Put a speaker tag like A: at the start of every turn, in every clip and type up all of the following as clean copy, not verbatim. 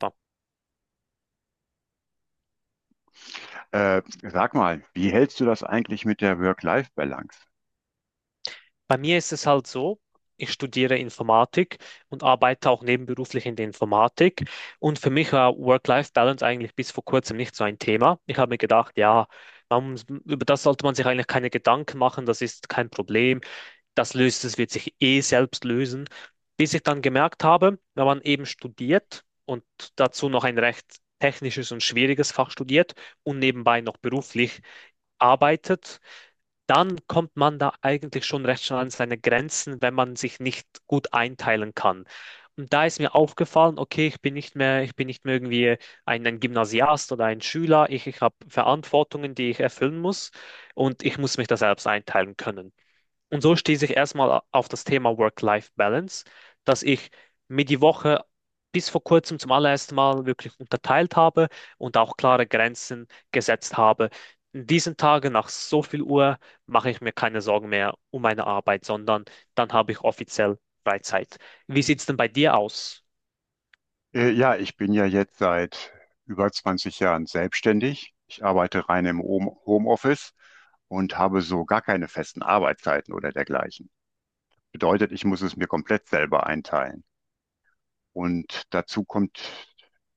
A: Ja.
B: Sag mal, wie hältst du das eigentlich mit der Work-Life-Balance?
A: Bei mir ist es halt so, ich studiere Informatik und arbeite auch nebenberuflich in der Informatik. Und für mich war Work-Life-Balance eigentlich bis vor kurzem nicht so ein Thema. Ich habe mir gedacht, ja, über das sollte man sich eigentlich keine Gedanken machen, das ist kein Problem, wird sich eh selbst lösen. Bis ich dann gemerkt habe, wenn man eben studiert und dazu noch ein recht technisches und schwieriges Fach studiert und nebenbei noch beruflich, arbeitet, dann kommt man da eigentlich schon recht schnell an seine Grenzen, wenn man sich nicht gut einteilen kann. Und da ist mir aufgefallen, okay, ich bin nicht mehr irgendwie ein Gymnasiast oder ein Schüler. Ich habe Verantwortungen, die ich erfüllen muss und ich muss mich da selbst einteilen können. Und so stieß ich erstmal auf das Thema Work-Life-Balance, dass ich mir die Woche bis vor kurzem zum allerersten Mal wirklich unterteilt habe und auch klare Grenzen gesetzt habe. In diesen Tagen nach so viel Uhr mache ich mir keine Sorgen mehr um meine Arbeit, sondern dann habe ich offiziell Freizeit. Wie sieht es denn bei dir aus?
B: Ja, ich bin ja jetzt seit über 20 Jahren selbstständig. Ich arbeite rein im Homeoffice und habe so gar keine festen Arbeitszeiten oder dergleichen. Bedeutet, ich muss es mir komplett selber einteilen. Und dazu kommt,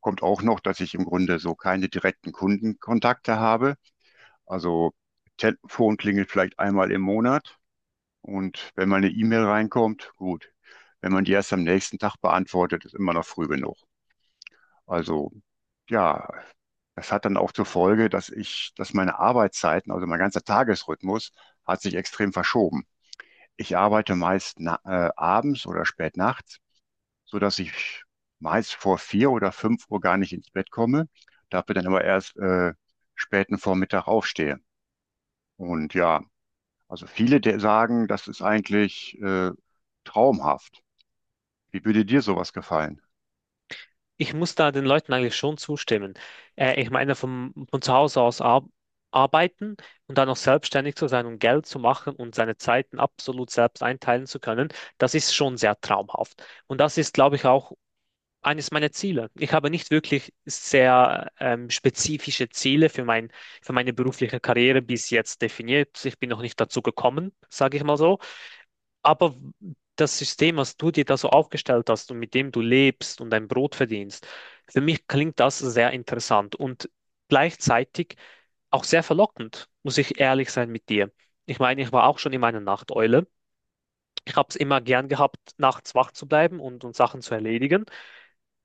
B: kommt auch noch, dass ich im Grunde so keine direkten Kundenkontakte habe. Also Telefon klingelt vielleicht einmal im Monat. Und wenn mal eine E-Mail reinkommt, gut. Wenn man die erst am nächsten Tag beantwortet, ist immer noch früh genug. Also ja, das hat dann auch zur Folge, dass meine Arbeitszeiten, also mein ganzer Tagesrhythmus, hat sich extrem verschoben. Ich arbeite meist abends oder spät nachts, sodass ich meist vor 4 oder 5 Uhr gar nicht ins Bett komme, dafür dann aber erst späten Vormittag aufstehe. Und ja, also viele der sagen, das ist eigentlich traumhaft. Wie würde dir sowas gefallen?
A: Ich muss da den Leuten eigentlich schon zustimmen. Ich meine, von zu Hause aus ar arbeiten und dann noch selbstständig zu sein und Geld zu machen und seine Zeiten absolut selbst einteilen zu können, das ist schon sehr traumhaft. Und das ist, glaube ich, auch eines meiner Ziele. Ich habe nicht wirklich sehr spezifische Ziele für für meine berufliche Karriere bis jetzt definiert. Ich bin noch nicht dazu gekommen, sage ich mal so. Aber das System, was du dir da so aufgestellt hast und mit dem du lebst und dein Brot verdienst, für mich klingt das sehr interessant und gleichzeitig auch sehr verlockend, muss ich ehrlich sein mit dir. Ich meine, ich war auch schon immer eine Nachteule. Ich habe es immer gern gehabt, nachts wach zu bleiben und Sachen zu erledigen.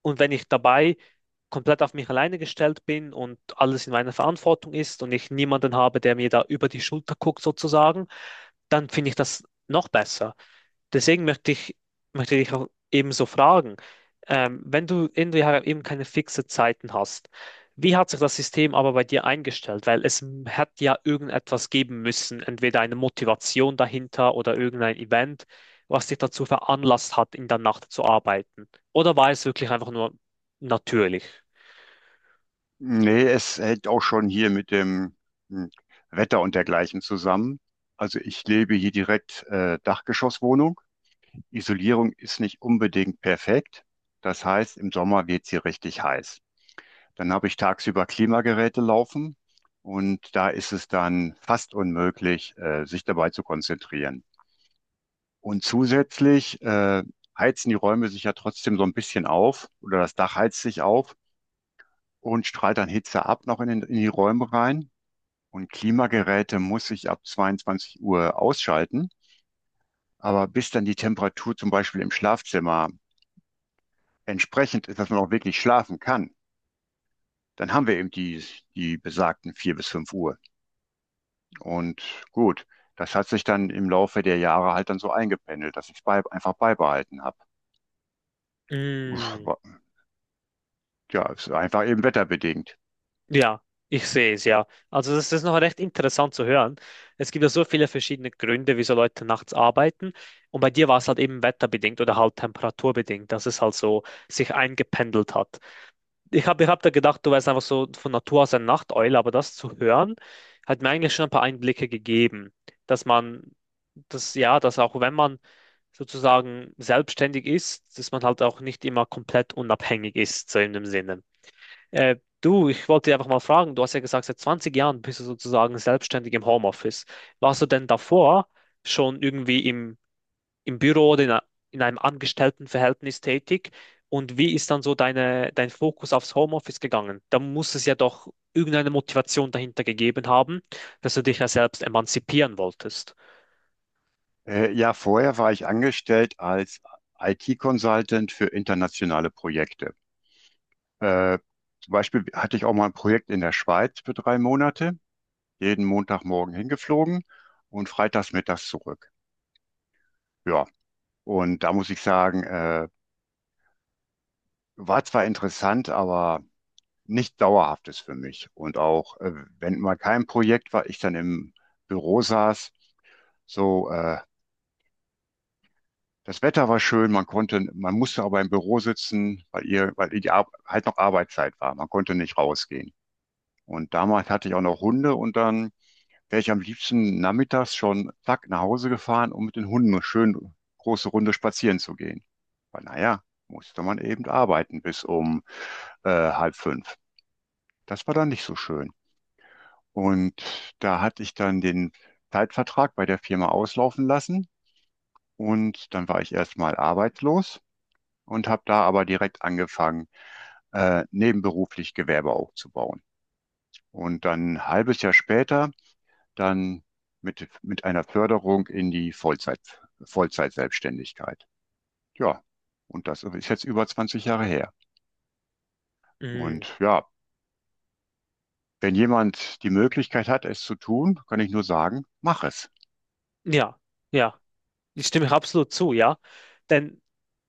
A: Und wenn ich dabei komplett auf mich alleine gestellt bin und alles in meiner Verantwortung ist und ich niemanden habe, der mir da über die Schulter guckt sozusagen, dann finde ich das noch besser. Deswegen möchte ich, möchte ich auch ebenso fragen, wenn du irgendwie eben keine fixe Zeiten hast, wie hat sich das System aber bei dir eingestellt? Weil hat ja irgendetwas geben müssen, entweder eine Motivation dahinter oder irgendein Event, was dich dazu veranlasst hat, in der Nacht zu arbeiten. Oder war es wirklich einfach nur natürlich?
B: Nee, es hängt auch schon hier mit dem hm, Wetter und dergleichen zusammen. Also ich lebe hier direkt Dachgeschosswohnung. Isolierung ist nicht unbedingt perfekt. Das heißt, im Sommer wird es hier richtig heiß. Dann habe ich tagsüber Klimageräte laufen und da ist es dann fast unmöglich, sich dabei zu konzentrieren. Und zusätzlich heizen die Räume sich ja trotzdem so ein bisschen auf oder das Dach heizt sich auf. Und strahlt dann Hitze ab noch in die Räume rein. Und Klimageräte muss ich ab 22 Uhr ausschalten. Aber bis dann die Temperatur zum Beispiel im Schlafzimmer entsprechend ist, dass man auch wirklich schlafen kann, dann haben wir eben die besagten 4 bis 5 Uhr. Und gut, das hat sich dann im Laufe der Jahre halt dann so eingependelt, dass ich es einfach beibehalten habe. Uff,
A: Mm,
B: wa- Ja, es ist einfach eben wetterbedingt.
A: ja, ich sehe es ja. Also das ist noch recht interessant zu hören. Es gibt ja so viele verschiedene Gründe, wieso Leute nachts arbeiten. Und bei dir war es halt eben wetterbedingt oder halt temperaturbedingt, dass es halt so sich eingependelt hat. Ich hab da gedacht, du wärst einfach so von Natur aus eine Nachteule, aber das zu hören, hat mir eigentlich schon ein paar Einblicke gegeben, dass man, das ja, dass auch wenn man sozusagen selbstständig ist, dass man halt auch nicht immer komplett unabhängig ist, so in dem Sinne. Du, ich wollte dich einfach mal fragen, du hast ja gesagt, seit 20 Jahren bist du sozusagen selbstständig im Homeoffice. Warst du denn davor schon im Büro oder in einem Angestelltenverhältnis tätig? Und wie ist dann so dein Fokus aufs Homeoffice gegangen? Da muss es ja doch irgendeine Motivation dahinter gegeben haben, dass du dich ja selbst emanzipieren wolltest.
B: Ja, vorher war ich angestellt als IT-Consultant für internationale Projekte. Äh, Zum Beispiel hatte ich auch mal ein Projekt in der Schweiz für 3 Monate, jeden Montagmorgen hingeflogen und freitags mittags zurück. Ja, und da muss ich sagen, war zwar interessant, aber nicht dauerhaftes für mich. Und auch, wenn mal kein Projekt war, ich dann im Büro saß, so, äh, das Wetter war schön, man musste aber im Büro sitzen, weil die Ar halt noch Arbeitszeit war. Man konnte nicht rausgehen. Und damals hatte ich auch noch Hunde und dann wäre ich am liebsten nachmittags schon zack nach Hause gefahren, um mit den Hunden eine schön große Runde spazieren zu gehen. Aber naja, musste man eben arbeiten bis um halb fünf. Das war dann nicht so schön. Und da hatte ich dann den Zeitvertrag bei der Firma auslaufen lassen und dann war ich erstmal arbeitslos und habe da aber direkt angefangen, nebenberuflich Gewerbe aufzubauen. Und dann ein halbes Jahr später dann mit einer Förderung in die Vollzeitselbstständigkeit. Ja, und das ist jetzt über 20 Jahre her.
A: Mm,
B: Und ja, wenn jemand die Möglichkeit hat, es zu tun, kann ich nur sagen, mach es.
A: ja, ja. Ich stimme absolut zu, ja. Denn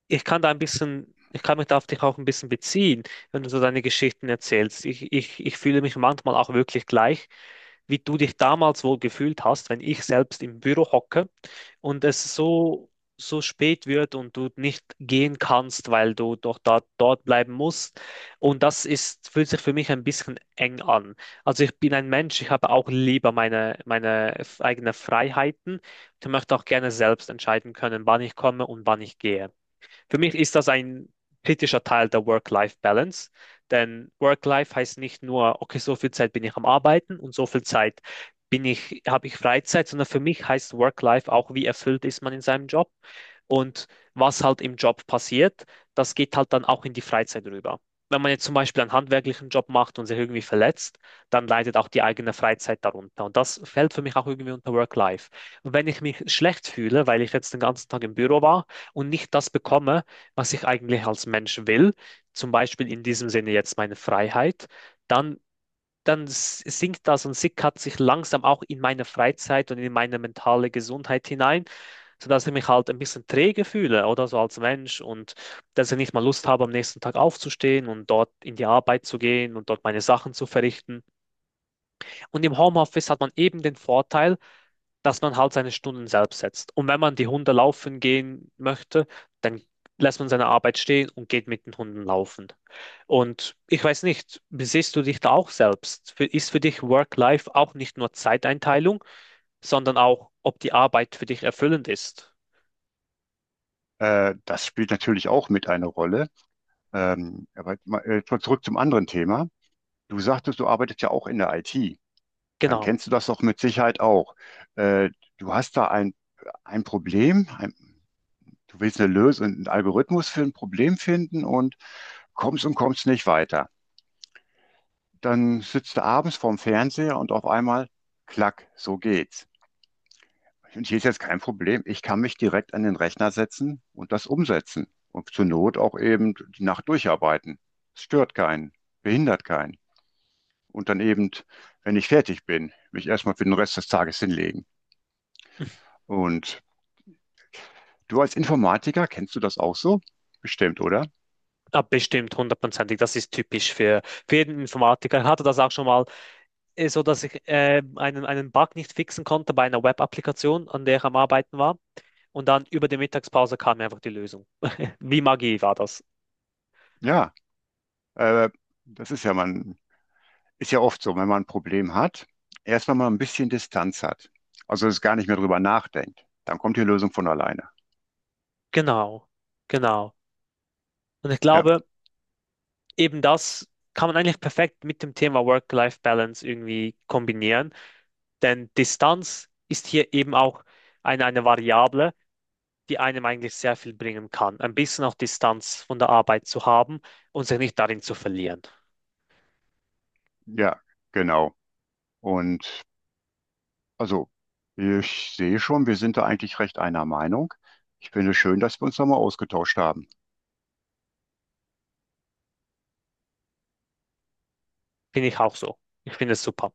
A: ich kann da ein bisschen, ich kann mich da auf dich auch ein bisschen beziehen, wenn du so deine Geschichten erzählst. Ich fühle mich manchmal auch wirklich gleich, wie du dich damals wohl gefühlt hast, wenn ich selbst im Büro hocke und es so spät wird und du nicht gehen kannst, weil du dort bleiben musst. Und fühlt sich für mich ein bisschen eng an. Also ich bin ein Mensch, ich habe auch lieber meine eigenen Freiheiten. Ich möchte auch gerne selbst entscheiden können, wann ich komme und wann ich gehe. Für mich ist das ein kritischer Teil der Work-Life-Balance, denn Work-Life heißt nicht nur, okay, so viel Zeit bin ich am Arbeiten und so viel Zeit habe ich Freizeit, sondern für mich heißt Work-Life auch, wie erfüllt ist man in seinem Job und was halt im Job passiert, das geht halt dann auch in die Freizeit rüber. Wenn man jetzt zum Beispiel einen handwerklichen Job macht und sich irgendwie verletzt, dann leidet auch die eigene Freizeit darunter. Und das fällt für mich auch irgendwie unter Work-Life. Und wenn ich mich schlecht fühle, weil ich jetzt den ganzen Tag im Büro war, und nicht das bekomme, was ich eigentlich als Mensch will, zum Beispiel in diesem Sinne jetzt meine Freiheit, dann, sinkt das und sickert sich langsam auch in meine Freizeit und in meine mentale Gesundheit hinein, sodass ich mich halt ein bisschen träge fühle oder so als Mensch und dass ich nicht mal Lust habe, am nächsten Tag aufzustehen und dort in die Arbeit zu gehen und dort meine Sachen zu verrichten. Und im Homeoffice hat man eben den Vorteil, dass man halt seine Stunden selbst setzt. Und wenn man die Hunde laufen gehen möchte, dann lässt man seine Arbeit stehen und geht mit den Hunden laufen. Und ich weiß nicht, besiehst du dich da auch selbst? Für- Ist für dich Work-Life auch nicht nur Zeiteinteilung, sondern auch, ob die Arbeit für dich erfüllend ist?
B: Das spielt natürlich auch mit eine Rolle. Aber zurück zum anderen Thema. Du sagtest, du arbeitest ja auch in der IT. Dann
A: Genau.
B: kennst du das doch mit Sicherheit auch. Äh, Du hast da ein Problem, du willst eine Lösung, einen Algorithmus für ein Problem finden und kommst nicht weiter. Dann sitzt du abends vorm Fernseher und auf einmal, klack, so geht's. Und hier ist jetzt kein Problem. Ich kann mich direkt an den Rechner setzen und das umsetzen. Und zur Not auch eben die Nacht durcharbeiten. Es stört keinen, behindert keinen. Und dann eben, wenn ich fertig bin, mich erstmal für den Rest des Tages hinlegen. Und du als Informatiker, kennst du das auch so? Bestimmt, oder?
A: Ja, bestimmt, hundertprozentig. Das ist typisch für jeden Informatiker. Ich hatte das auch schon mal, so dass ich einen Bug nicht fixen konnte bei einer Web-Applikation, an der ich am Arbeiten war. Und dann über die Mittagspause kam einfach die Lösung. Wie Magie war das.
B: Ja, äh, das ist ja mal ein ist ja oft so, wenn man ein Problem hat, erstmal mal ein bisschen Distanz hat. Also es gar nicht mehr drüber nachdenkt. Dann kommt die Lösung von alleine.
A: Genau, genau. Und ich
B: Ja,
A: glaube, eben das kann man eigentlich perfekt mit dem Thema Work-Life-Balance irgendwie kombinieren, denn Distanz ist hier eben auch eine Variable. Die einem eigentlich sehr viel bringen kann. Ein bisschen auch Distanz von der Arbeit zu haben und sich nicht darin zu verlieren.
B: ja, genau. Und also ich sehe schon, wir sind da eigentlich recht einer Meinung. Ich finde es schön, dass wir uns nochmal ausgetauscht haben.
A: Finde ich auch so. Ich finde es super.